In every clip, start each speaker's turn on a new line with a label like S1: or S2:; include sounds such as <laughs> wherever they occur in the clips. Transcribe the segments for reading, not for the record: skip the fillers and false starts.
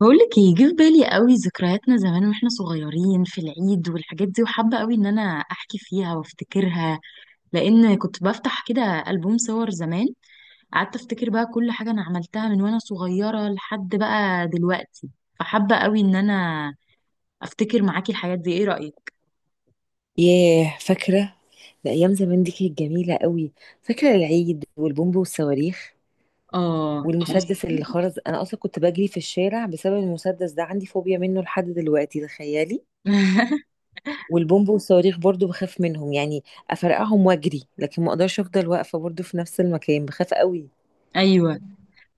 S1: بقولك ايه جه في بالي قوي. ذكرياتنا زمان واحنا صغيرين في العيد والحاجات دي، وحابة قوي ان انا احكي فيها وافتكرها، لان كنت بفتح كده ألبوم صور زمان. قعدت افتكر بقى كل حاجة انا عملتها من وانا صغيرة لحد بقى دلوقتي. فحابة قوي ان انا افتكر معاكي الحاجات دي. ايه رأيك؟
S2: ياه، فاكرة. ده أيام زمان دي كانت جميلة قوي. فاكرة العيد والبومب والصواريخ
S1: اه،
S2: والمسدس اللي
S1: بصي.
S2: خرز. أنا أصلا كنت بجري في الشارع بسبب المسدس ده، عندي فوبيا منه لحد دلوقتي، تخيلي.
S1: <laughs>
S2: والبومب والصواريخ برضو بخاف منهم، يعني أفرقعهم وأجري لكن ما أقدرش أفضل واقفة برضو في نفس المكان، بخاف قوي.
S1: ايوه،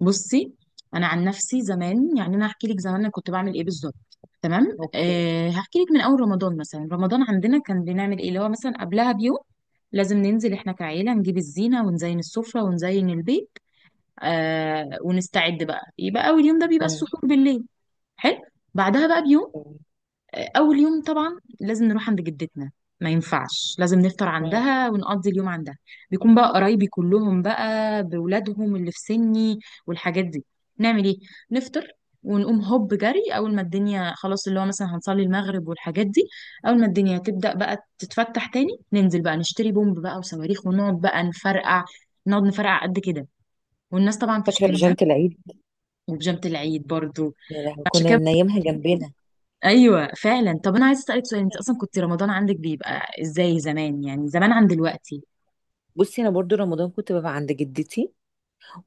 S1: بصي. انا عن نفسي زمان، يعني انا هحكي لك زمان انا كنت بعمل ايه بالظبط. تمام،
S2: اوكي.
S1: هحكي لك من اول رمضان. مثلا رمضان عندنا كان بنعمل ايه؟ اللي هو مثلا قبلها بيوم لازم ننزل احنا كعيله نجيب الزينه ونزين السفره ونزين البيت. ونستعد بقى. يبقى اول يوم ده بيبقى
S2: مم.
S1: السحور بالليل. حلو. بعدها بقى بيوم،
S2: مم.
S1: اول يوم طبعا لازم نروح عند جدتنا. ما ينفعش، لازم نفطر
S2: مم.
S1: عندها ونقضي اليوم عندها. بيكون بقى قرايبي كلهم بقى بولادهم اللي في سني والحاجات دي. نعمل ايه؟ نفطر، ونقوم هوب جري. اول ما الدنيا خلاص، اللي هو مثلا هنصلي المغرب والحاجات دي. اول ما الدنيا تبدأ بقى تتفتح تاني، ننزل بقى نشتري بومب بقى وصواريخ، ونقعد بقى نفرقع. نقعد نفرقع قد كده. والناس طبعا
S2: فاكرة
S1: تشتمنا.
S2: بيجامة العيد،
S1: وبيجامة العيد برضو،
S2: يا لهوي
S1: عشان
S2: كنا
S1: كده.
S2: نايمها جنبنا.
S1: ايوه فعلا. طب انا عايزه اسالك سؤال، انت اصلا كنت رمضان عندك بيبقى ازاي زمان، يعني زمان عن دلوقتي؟
S2: بصي، أنا برضو رمضان كنت ببقى عند جدتي،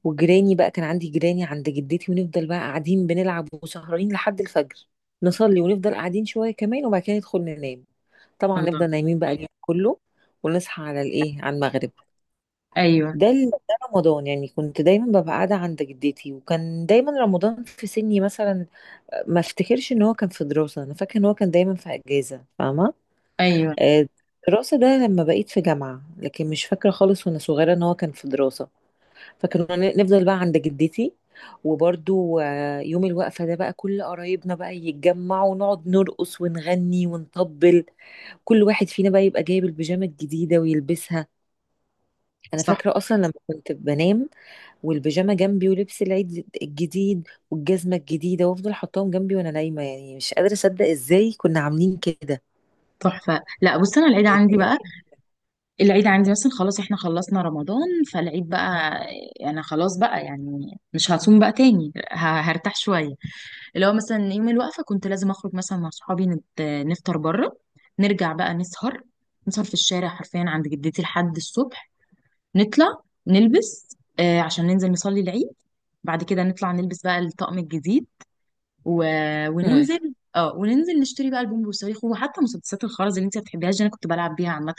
S2: وجيراني بقى كان عندي جيراني عند جدتي، ونفضل بقى قاعدين بنلعب وسهرانين لحد الفجر، نصلي ونفضل قاعدين شوية كمان وبعد كده ندخل ننام. طبعا
S1: الله.
S2: نفضل نايمين بقى اليوم كله، ونصحى على الايه، على المغرب.
S1: ايوه.
S2: ده رمضان، يعني كنت دايما ببقى قاعدة عند جدتي، وكان دايما رمضان في سني مثلا ما افتكرش ان هو كان في دراسة، انا فاكرة ان هو كان دايما في اجازة، فاهمة.
S1: ايوه،
S2: آه، الدراسة ده لما بقيت في جامعة، لكن مش فاكرة خالص وانا صغيرة ان هو كان في دراسة. فكنا نفضل بقى عند جدتي. وبرضو يوم الوقفة ده بقى كل قرايبنا بقى يتجمعوا ونقعد نرقص ونغني ونطبل، كل واحد فينا بقى يبقى جايب البيجامة الجديدة ويلبسها. أنا
S1: صح.
S2: فاكرة أصلا لما كنت بنام والبيجامة جنبي ولبس العيد الجديد والجزمة الجديدة، وأفضل حطاهم جنبي وأنا نايمة، يعني مش قادرة أصدق إزاي كنا عاملين كده.
S1: تحفه. لا بص، انا العيد
S2: كانت
S1: عندي
S2: أيام
S1: بقى.
S2: جميلة.
S1: العيد عندي مثلا خلاص احنا خلصنا رمضان، فالعيد بقى انا خلاص بقى، يعني مش هصوم بقى تاني، هرتاح شويه. اللي هو مثلا يوم الوقفه كنت لازم اخرج مثلا مع صحابي نفطر بره. نرجع بقى نسهر في الشارع حرفيا عند جدتي لحد الصبح. نطلع نلبس عشان ننزل نصلي العيد. بعد كده نطلع نلبس بقى الطقم الجديد و...
S2: مم.
S1: وننزل اه وننزل نشتري بقى البومب والصواريخ، وحتى مسدسات الخرز اللي انت ما بتحبيهاش دي انا كنت بلعب بيها عامه.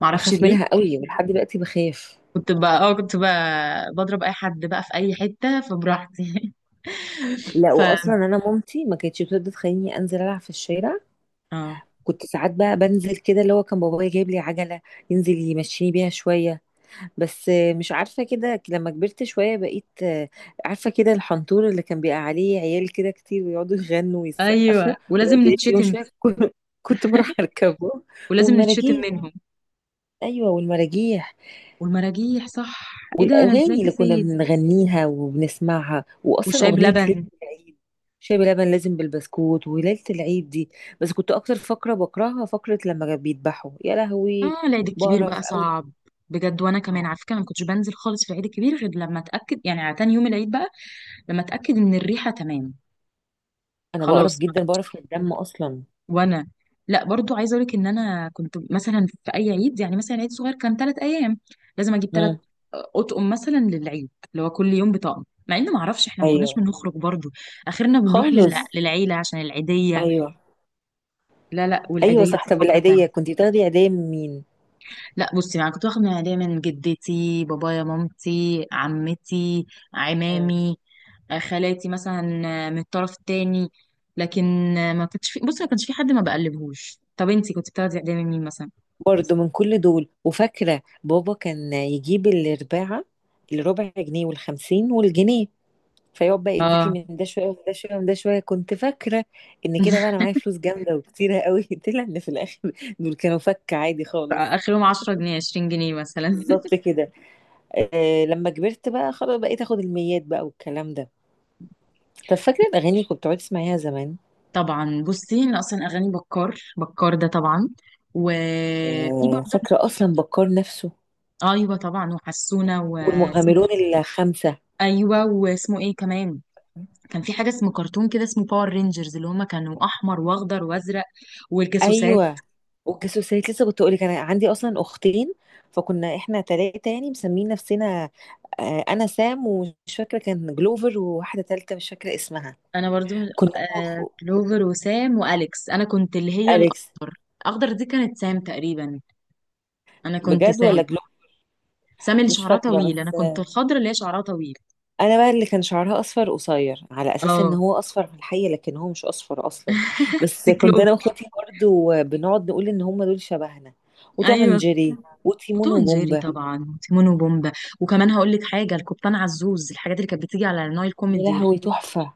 S1: ما اعرفش
S2: بخاف
S1: ليه.
S2: منها قوي ولحد دلوقتي بخاف.
S1: كنت بقى بضرب اي حد بقى في اي حته فبراحتي.
S2: لا،
S1: <laughs> ف
S2: واصلا انا مامتي ما كانتش بتقدر تخليني انزل العب في الشارع.
S1: اه
S2: كنت ساعات بقى بنزل كده، اللي هو كان بابايا جايب لي عجلة ينزل يمشيني بيها شوية. بس مش عارفة كده لما كبرت شوية بقيت عارفة كده الحنطور اللي كان بيبقى عليه عيال كده كتير ويقعدوا يغنوا ويسقفوا،
S1: ايوه.
S2: ويقعد
S1: ولازم
S2: يلف يوم
S1: نتشتم.
S2: شوية. <laughs> كنت بروح أركبه.
S1: ولازم نتشتم
S2: والمراجيح.
S1: منهم.
S2: أيوة، والمراجيح.
S1: والمراجيح، صح. ايه ده، انا ازاي
S2: اغاني اللي كنا
S1: نسيت؟
S2: بنغنيها وبنسمعها، واصلا
S1: والشاي
S2: اغنيه ليله
S1: بلبن.
S2: العيد، شاي بلبن لازم بالبسكوت وليله العيد دي. بس كنت اكتر فقره بكرهها، فقره لما كانوا بيذبحوا، يا لهوي،
S1: اه العيد الكبير
S2: بقرف
S1: بقى
S2: قوي.
S1: صعب بجد. وانا كمان
S2: اه،
S1: على فكره، أنا ما كنتش بنزل خالص في العيد الكبير غير لما اتاكد، يعني على تاني يوم العيد بقى، لما اتاكد ان الريحه تمام.
S2: انا بقرف
S1: خلاص.
S2: جدا، بقرف من الدم اصلا.
S1: وانا لا، برضو عايزه اقول لك ان انا كنت مثلا في اي عيد، يعني مثلا عيد صغير كان ثلاث ايام، لازم اجيب ثلاث
S2: مم.
S1: اطقم مثلا للعيد، اللي هو كل يوم بطقم، مع ان ما اعرفش احنا ما كناش
S2: ايوه.
S1: بنخرج برضو. اخرنا بنروح
S2: خالص.
S1: للعيله عشان العيديه.
S2: ايوه.
S1: لا لا،
S2: ايوه
S1: والعيديه
S2: صح،
S1: دي
S2: طب
S1: فقره
S2: العيديه
S1: تانية.
S2: كنت بتاخدي عيديه من مين؟
S1: لا بصي، يعني كنت واخد من العيديه من جدتي، بابايا، مامتي، عمتي،
S2: مم.
S1: عمامي، خالاتي مثلا، من الطرف التاني، لكن ما كانش في. بصي، ما كانش في حد ما بقلبهوش. طب انتي كنت بتاخدي اعدام من مين مثلا؟
S2: برضه من كل دول، وفاكره بابا كان يجيب الارباعه، الربع جنيه والخمسين والجنيه، فيقعد بقى يديكي
S1: اه.
S2: من ده شويه ومن ده شويه ومن ده شويه. كنت فاكره ان كده بقى انا
S1: <laughs>
S2: معايا فلوس جامده وكتيره قوي. <laughs> طلع ان في الاخر دول كانوا فك عادي خالص.
S1: اخرهم 10 جنيه 20 جنيه مثلا.
S2: بالظبط
S1: <laughs>
S2: كده. آه، لما كبرت بقى خلاص بقيت اخد الميات بقى والكلام ده. طب فاكره الاغاني اللي كنت بتقعد تسمعيها زمان؟
S1: طبعا بصي، انا اصلا اغاني بكار، بكار ده طبعا. وفي
S2: آه،
S1: برضه.
S2: فاكره اصلا بكار نفسه.
S1: ايوه طبعا، وحسونه، <laughs>
S2: والمغامرون الخمسه.
S1: ايوه، واسمه ايه كمان؟ كان في حاجه اسمه كرتون كده اسمه باور رينجرز اللي هما كانوا احمر واخضر وازرق. والجاسوسات.
S2: ايوه، والجاسوسات. لسه كنت اقولك، انا عندي اصلا اختين فكنا احنا تلاتة، يعني مسمين نفسنا انا سام، ومش فاكره كان جلوفر، وواحده تالتة مش فاكره اسمها.
S1: انا برضو
S2: كنا انا واخو.
S1: كلوفر وسام واليكس. انا كنت اللي هي
S2: اليكس.
S1: الاخضر. الاخضر دي كانت سام تقريبا. انا كنت
S2: بجد؟ ولا
S1: سام.
S2: جلوفر.
S1: سام اللي
S2: مش
S1: شعرها
S2: فاكره،
S1: طويل، انا
S2: بس
S1: كنت الخضر اللي هي شعرها طويل.
S2: انا بقى اللي كان شعرها اصفر قصير، على اساس ان
S1: اه
S2: هو اصفر في الحقيقه، لكن هو مش اصفر اصلا. بس
S1: دي
S2: كنت انا
S1: كلوفر.
S2: واخوتي برضو بنقعد نقول ان هم دول شبهنا. وتوم اند
S1: ايوه،
S2: جيري وتيمون
S1: وتوم جيري
S2: وبومبا.
S1: طبعا، وتيمون وبومبا. وكمان هقول لك حاجه، القبطان عزوز، الحاجات اللي كانت بتيجي على النايل
S2: يا
S1: كوميدي والحاجات
S2: لهوي،
S1: دي.
S2: تحفه.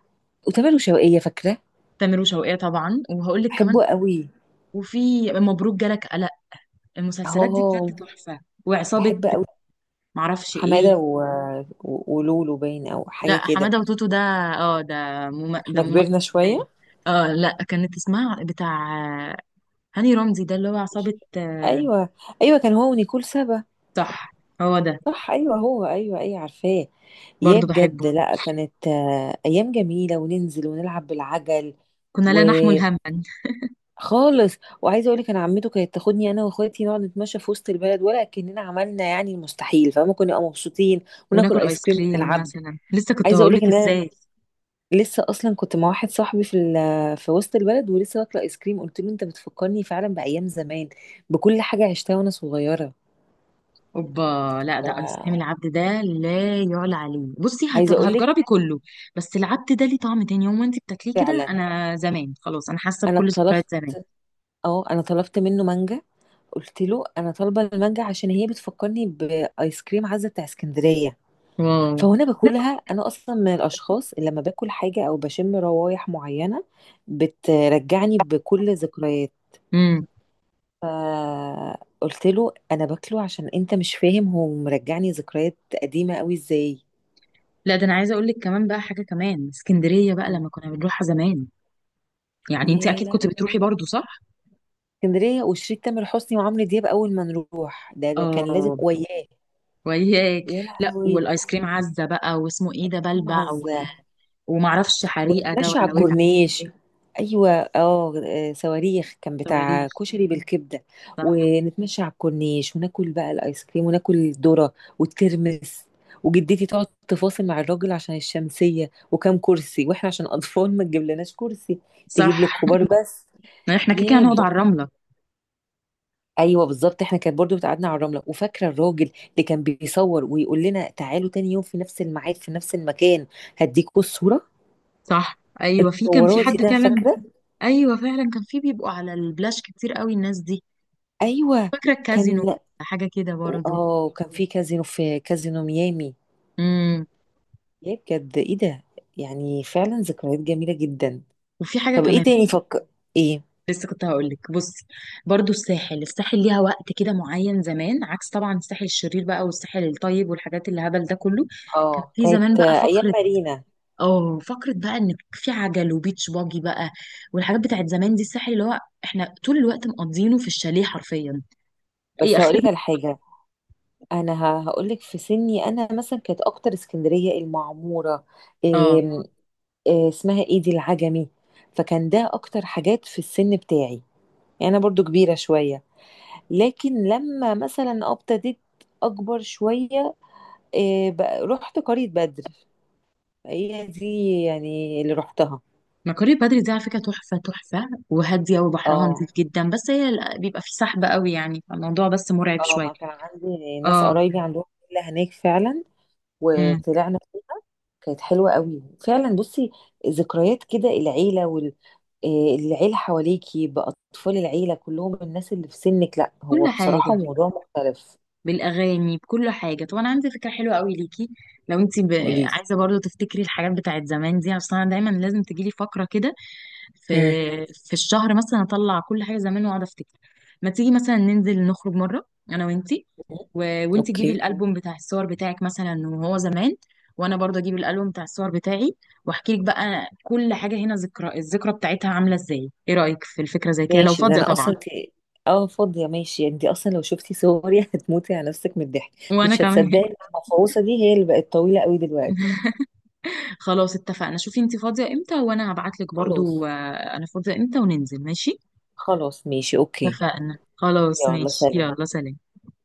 S2: وتامر وشوقية، فاكرة.
S1: تامر وشوقية طبعا. وهقول لك كمان،
S2: بحبه قوي.
S1: وفي مبروك جالك قلق. المسلسلات دي كانت
S2: اه،
S1: تحفه. وعصابه،
S2: بحب قوي.
S1: معرفش ايه.
S2: حماده ولولو، باين او
S1: لا،
S2: حاجه كده.
S1: حماده وتوتو ده. اه ده. ده
S2: احنا كبرنا
S1: ممثل.
S2: شويه.
S1: اه لا، كانت اسمها بتاع آه، هاني رمزي ده، اللي هو
S2: مش-
S1: عصابة.
S2: ايوه. ايوه، كان هو ونيكول سابا.
S1: صح، هو ده.
S2: صح. ايوه هو، ايوه ايوه عارفاه. يا
S1: برضو بحبه.
S2: بجد لا، كانت ايام جميله. وننزل ونلعب بالعجل.
S1: كنا لا نحمل
S2: وخالص.
S1: هما.
S2: وعايزه اقول لك، انا عمته كانت تاخدني انا واخواتي نقعد نتمشى في وسط البلد، ولا كاننا عملنا يعني المستحيل، فما كنا نبقى مبسوطين. وناكل
S1: وناكل
S2: ايس
S1: ايس
S2: كريم من
S1: كريم
S2: العبد.
S1: مثلا. لسه كنت
S2: عايزه اقول لك
S1: هقولك
S2: ان أنا
S1: ازاي.
S2: لسه اصلا كنت مع واحد صاحبي في في وسط البلد، ولسه واكله ايس كريم، قلت له انت بتفكرني فعلا بايام زمان، بكل حاجه عشتها وانا صغيره.
S1: اوبا. لا ده ايس كريم
S2: ف-
S1: العبد ده لا يعلى عليه. بصي،
S2: عايزه اقول لك
S1: هتجربي كله. بس العبد ده ليه طعم تاني. يوم وانت بتاكليه كده،
S2: فعلا،
S1: انا زمان خلاص، انا حاسه
S2: انا
S1: بكل ذكريات
S2: طلبت،
S1: زمان.
S2: اه انا طلبت منه مانجا. قلت له انا طالبه المانجا عشان هي بتفكرني بايس كريم عزه بتاع اسكندريه.
S1: واو.
S2: فهنا باكلها، انا اصلا من الاشخاص اللي لما باكل حاجه او بشم روايح معينه بترجعني بكل ذكريات.
S1: امم
S2: فقلت له انا باكله عشان انت مش فاهم هو مرجعني ذكريات قديمه قوي ازاي.
S1: لا ده انا عايزه اقول لك كمان بقى حاجه، كمان اسكندريه بقى
S2: مم.
S1: لما كنا بنروحها زمان. يعني انت
S2: يا
S1: اكيد كنت بتروحي
S2: لهوي،
S1: برضو، صح؟
S2: اسكندريه وشريط تامر حسني وعمرو دياب، اول ما نروح ده كان لازم
S1: اه.
S2: وياه.
S1: وياك.
S2: يا
S1: لا
S2: لهوي.
S1: والايس كريم عزة بقى، واسمه ايه ده،
S2: في
S1: بلبع،
S2: معزه.
S1: ومعرفش حريقة ده
S2: ونتمشى على
S1: ولا ولع.
S2: الكورنيش. ايوه اه، صواريخ، كان بتاع
S1: صواريخ.
S2: كشري بالكبده. ونتمشى على الكورنيش وناكل بقى الايس كريم وناكل الذره والترمس. وجدتي تقعد تفاصل مع الراجل عشان الشمسيه وكام كرسي، واحنا عشان اطفال ما تجيب لناش كرسي،
S1: صح،
S2: تجيب للكبار بس.
S1: ما احنا كده كده
S2: يا ب-
S1: هنقعد على الرملة.
S2: ايوه بالظبط، احنا كانت برضو بتقعدنا على الرمله. وفاكره الراجل اللي كان بيصور ويقول لنا تعالوا تاني يوم في نفس الميعاد في نفس المكان هديكوا الصوره،
S1: صح ايوه، كان في
S2: صوراتي
S1: حد
S2: ده،
S1: كلم.
S2: فاكره.
S1: ايوه فعلا، كان في بيبقوا على البلاش كتير قوي الناس دي.
S2: ايوه
S1: فاكرة الكازينو،
S2: كان،
S1: حاجة كده برضو.
S2: اه كان في كازينو، في كازينو ميامي.
S1: امم
S2: يا بجد ايه ده، يعني فعلا ذكريات جميله جدا.
S1: وفي حاجة
S2: طب ايه
S1: كمان.
S2: تاني فك؟ ايه؟
S1: لسه كنت هقول لك بصي، برضو الساحل ليها وقت كده معين زمان، عكس طبعا الساحل الشرير بقى والساحل الطيب والحاجات اللي هبل ده كله. كان
S2: اه،
S1: في زمان
S2: كانت
S1: بقى
S2: ايام
S1: فقرة
S2: مارينا.
S1: اه فكرة بقى ان في عجل وبيتش باجي بقى. والحاجات بتاعت زمان دي، الساحل اللي هو احنا طول الوقت مقضينه في الشاليه حرفيا. اي
S2: بس هقولك
S1: اخر.
S2: على حاجه، انا هقولك في سني انا مثلا، كانت اكتر اسكندريه، المعموره،
S1: اه
S2: إيه، إيه اسمها، ايه دي، العجمي. فكان ده اكتر حاجات في السن بتاعي، يعني انا برضو كبيره شويه. لكن لما مثلا ابتديت اكبر شويه، إيه بقى، رحت قرية بدر، هي دي يعني اللي رحتها.
S1: مكاري بدري دي على فكرة تحفة تحفة وهادية، وبحرها
S2: اه.
S1: نظيف جدا، بس هي بيبقى في سحب قوي يعني، فالموضوع بس مرعب
S2: اه،
S1: شوية.
S2: ما كان عندي ناس
S1: اه.
S2: قرايبي عندهم فيلا هناك، فعلا
S1: امم
S2: وطلعنا فيه. كانت حلوة قوي فعلا. بصي، ذكريات كده العيلة، والعيلة حواليكي بأطفال العيلة كلهم، الناس اللي في سنك، لا هو
S1: كل
S2: بصراحة
S1: حاجة
S2: موضوع مختلف.
S1: بالأغاني، بكل حاجة. طب أنا عندي فكرة حلوة قوي ليكي، لو انت
S2: قوليلي.
S1: عايزة برضو تفتكري الحاجات بتاعت زمان دي. أصلا دايما لازم تجيلي فقرة كده
S2: امم.
S1: في في الشهر مثلا، اطلع كل حاجه زمان واقعد افتكر. ما تيجي مثلا ننزل نخرج مره، انا وانتي، و... وانتي جيبي
S2: اوكي
S1: الالبوم بتاع الصور بتاعك مثلا وهو زمان، وانا برضه اجيب الالبوم بتاع الصور بتاعي، واحكي لك بقى كل حاجه هنا الذكرى بتاعتها عامله ازاي. ايه رايك في الفكره زي كده، لو
S2: ماشي، ده
S1: فاضيه
S2: انا
S1: طبعا؟
S2: اصلا ممكن اه فاضية، ماشي. انت اصلا لو شفتي صوري <laughs> هتموتي على نفسك من الضحك.
S1: وانا
S2: مش
S1: كمان.
S2: هتصدقي إن المفعوصة دي هي اللي بقت طويلة قوي دلوقتي.
S1: <laughs> خلاص اتفقنا. شوفي انتي فاضيه امتى، وانا هبعت لك
S2: خلاص.
S1: برضه انا فاضيه امتى وننزل. ماشي.
S2: خلاص ماشي اوكي.
S1: اتفقنا خلاص،
S2: يلا
S1: ماشي،
S2: سلام.
S1: يلا سلام.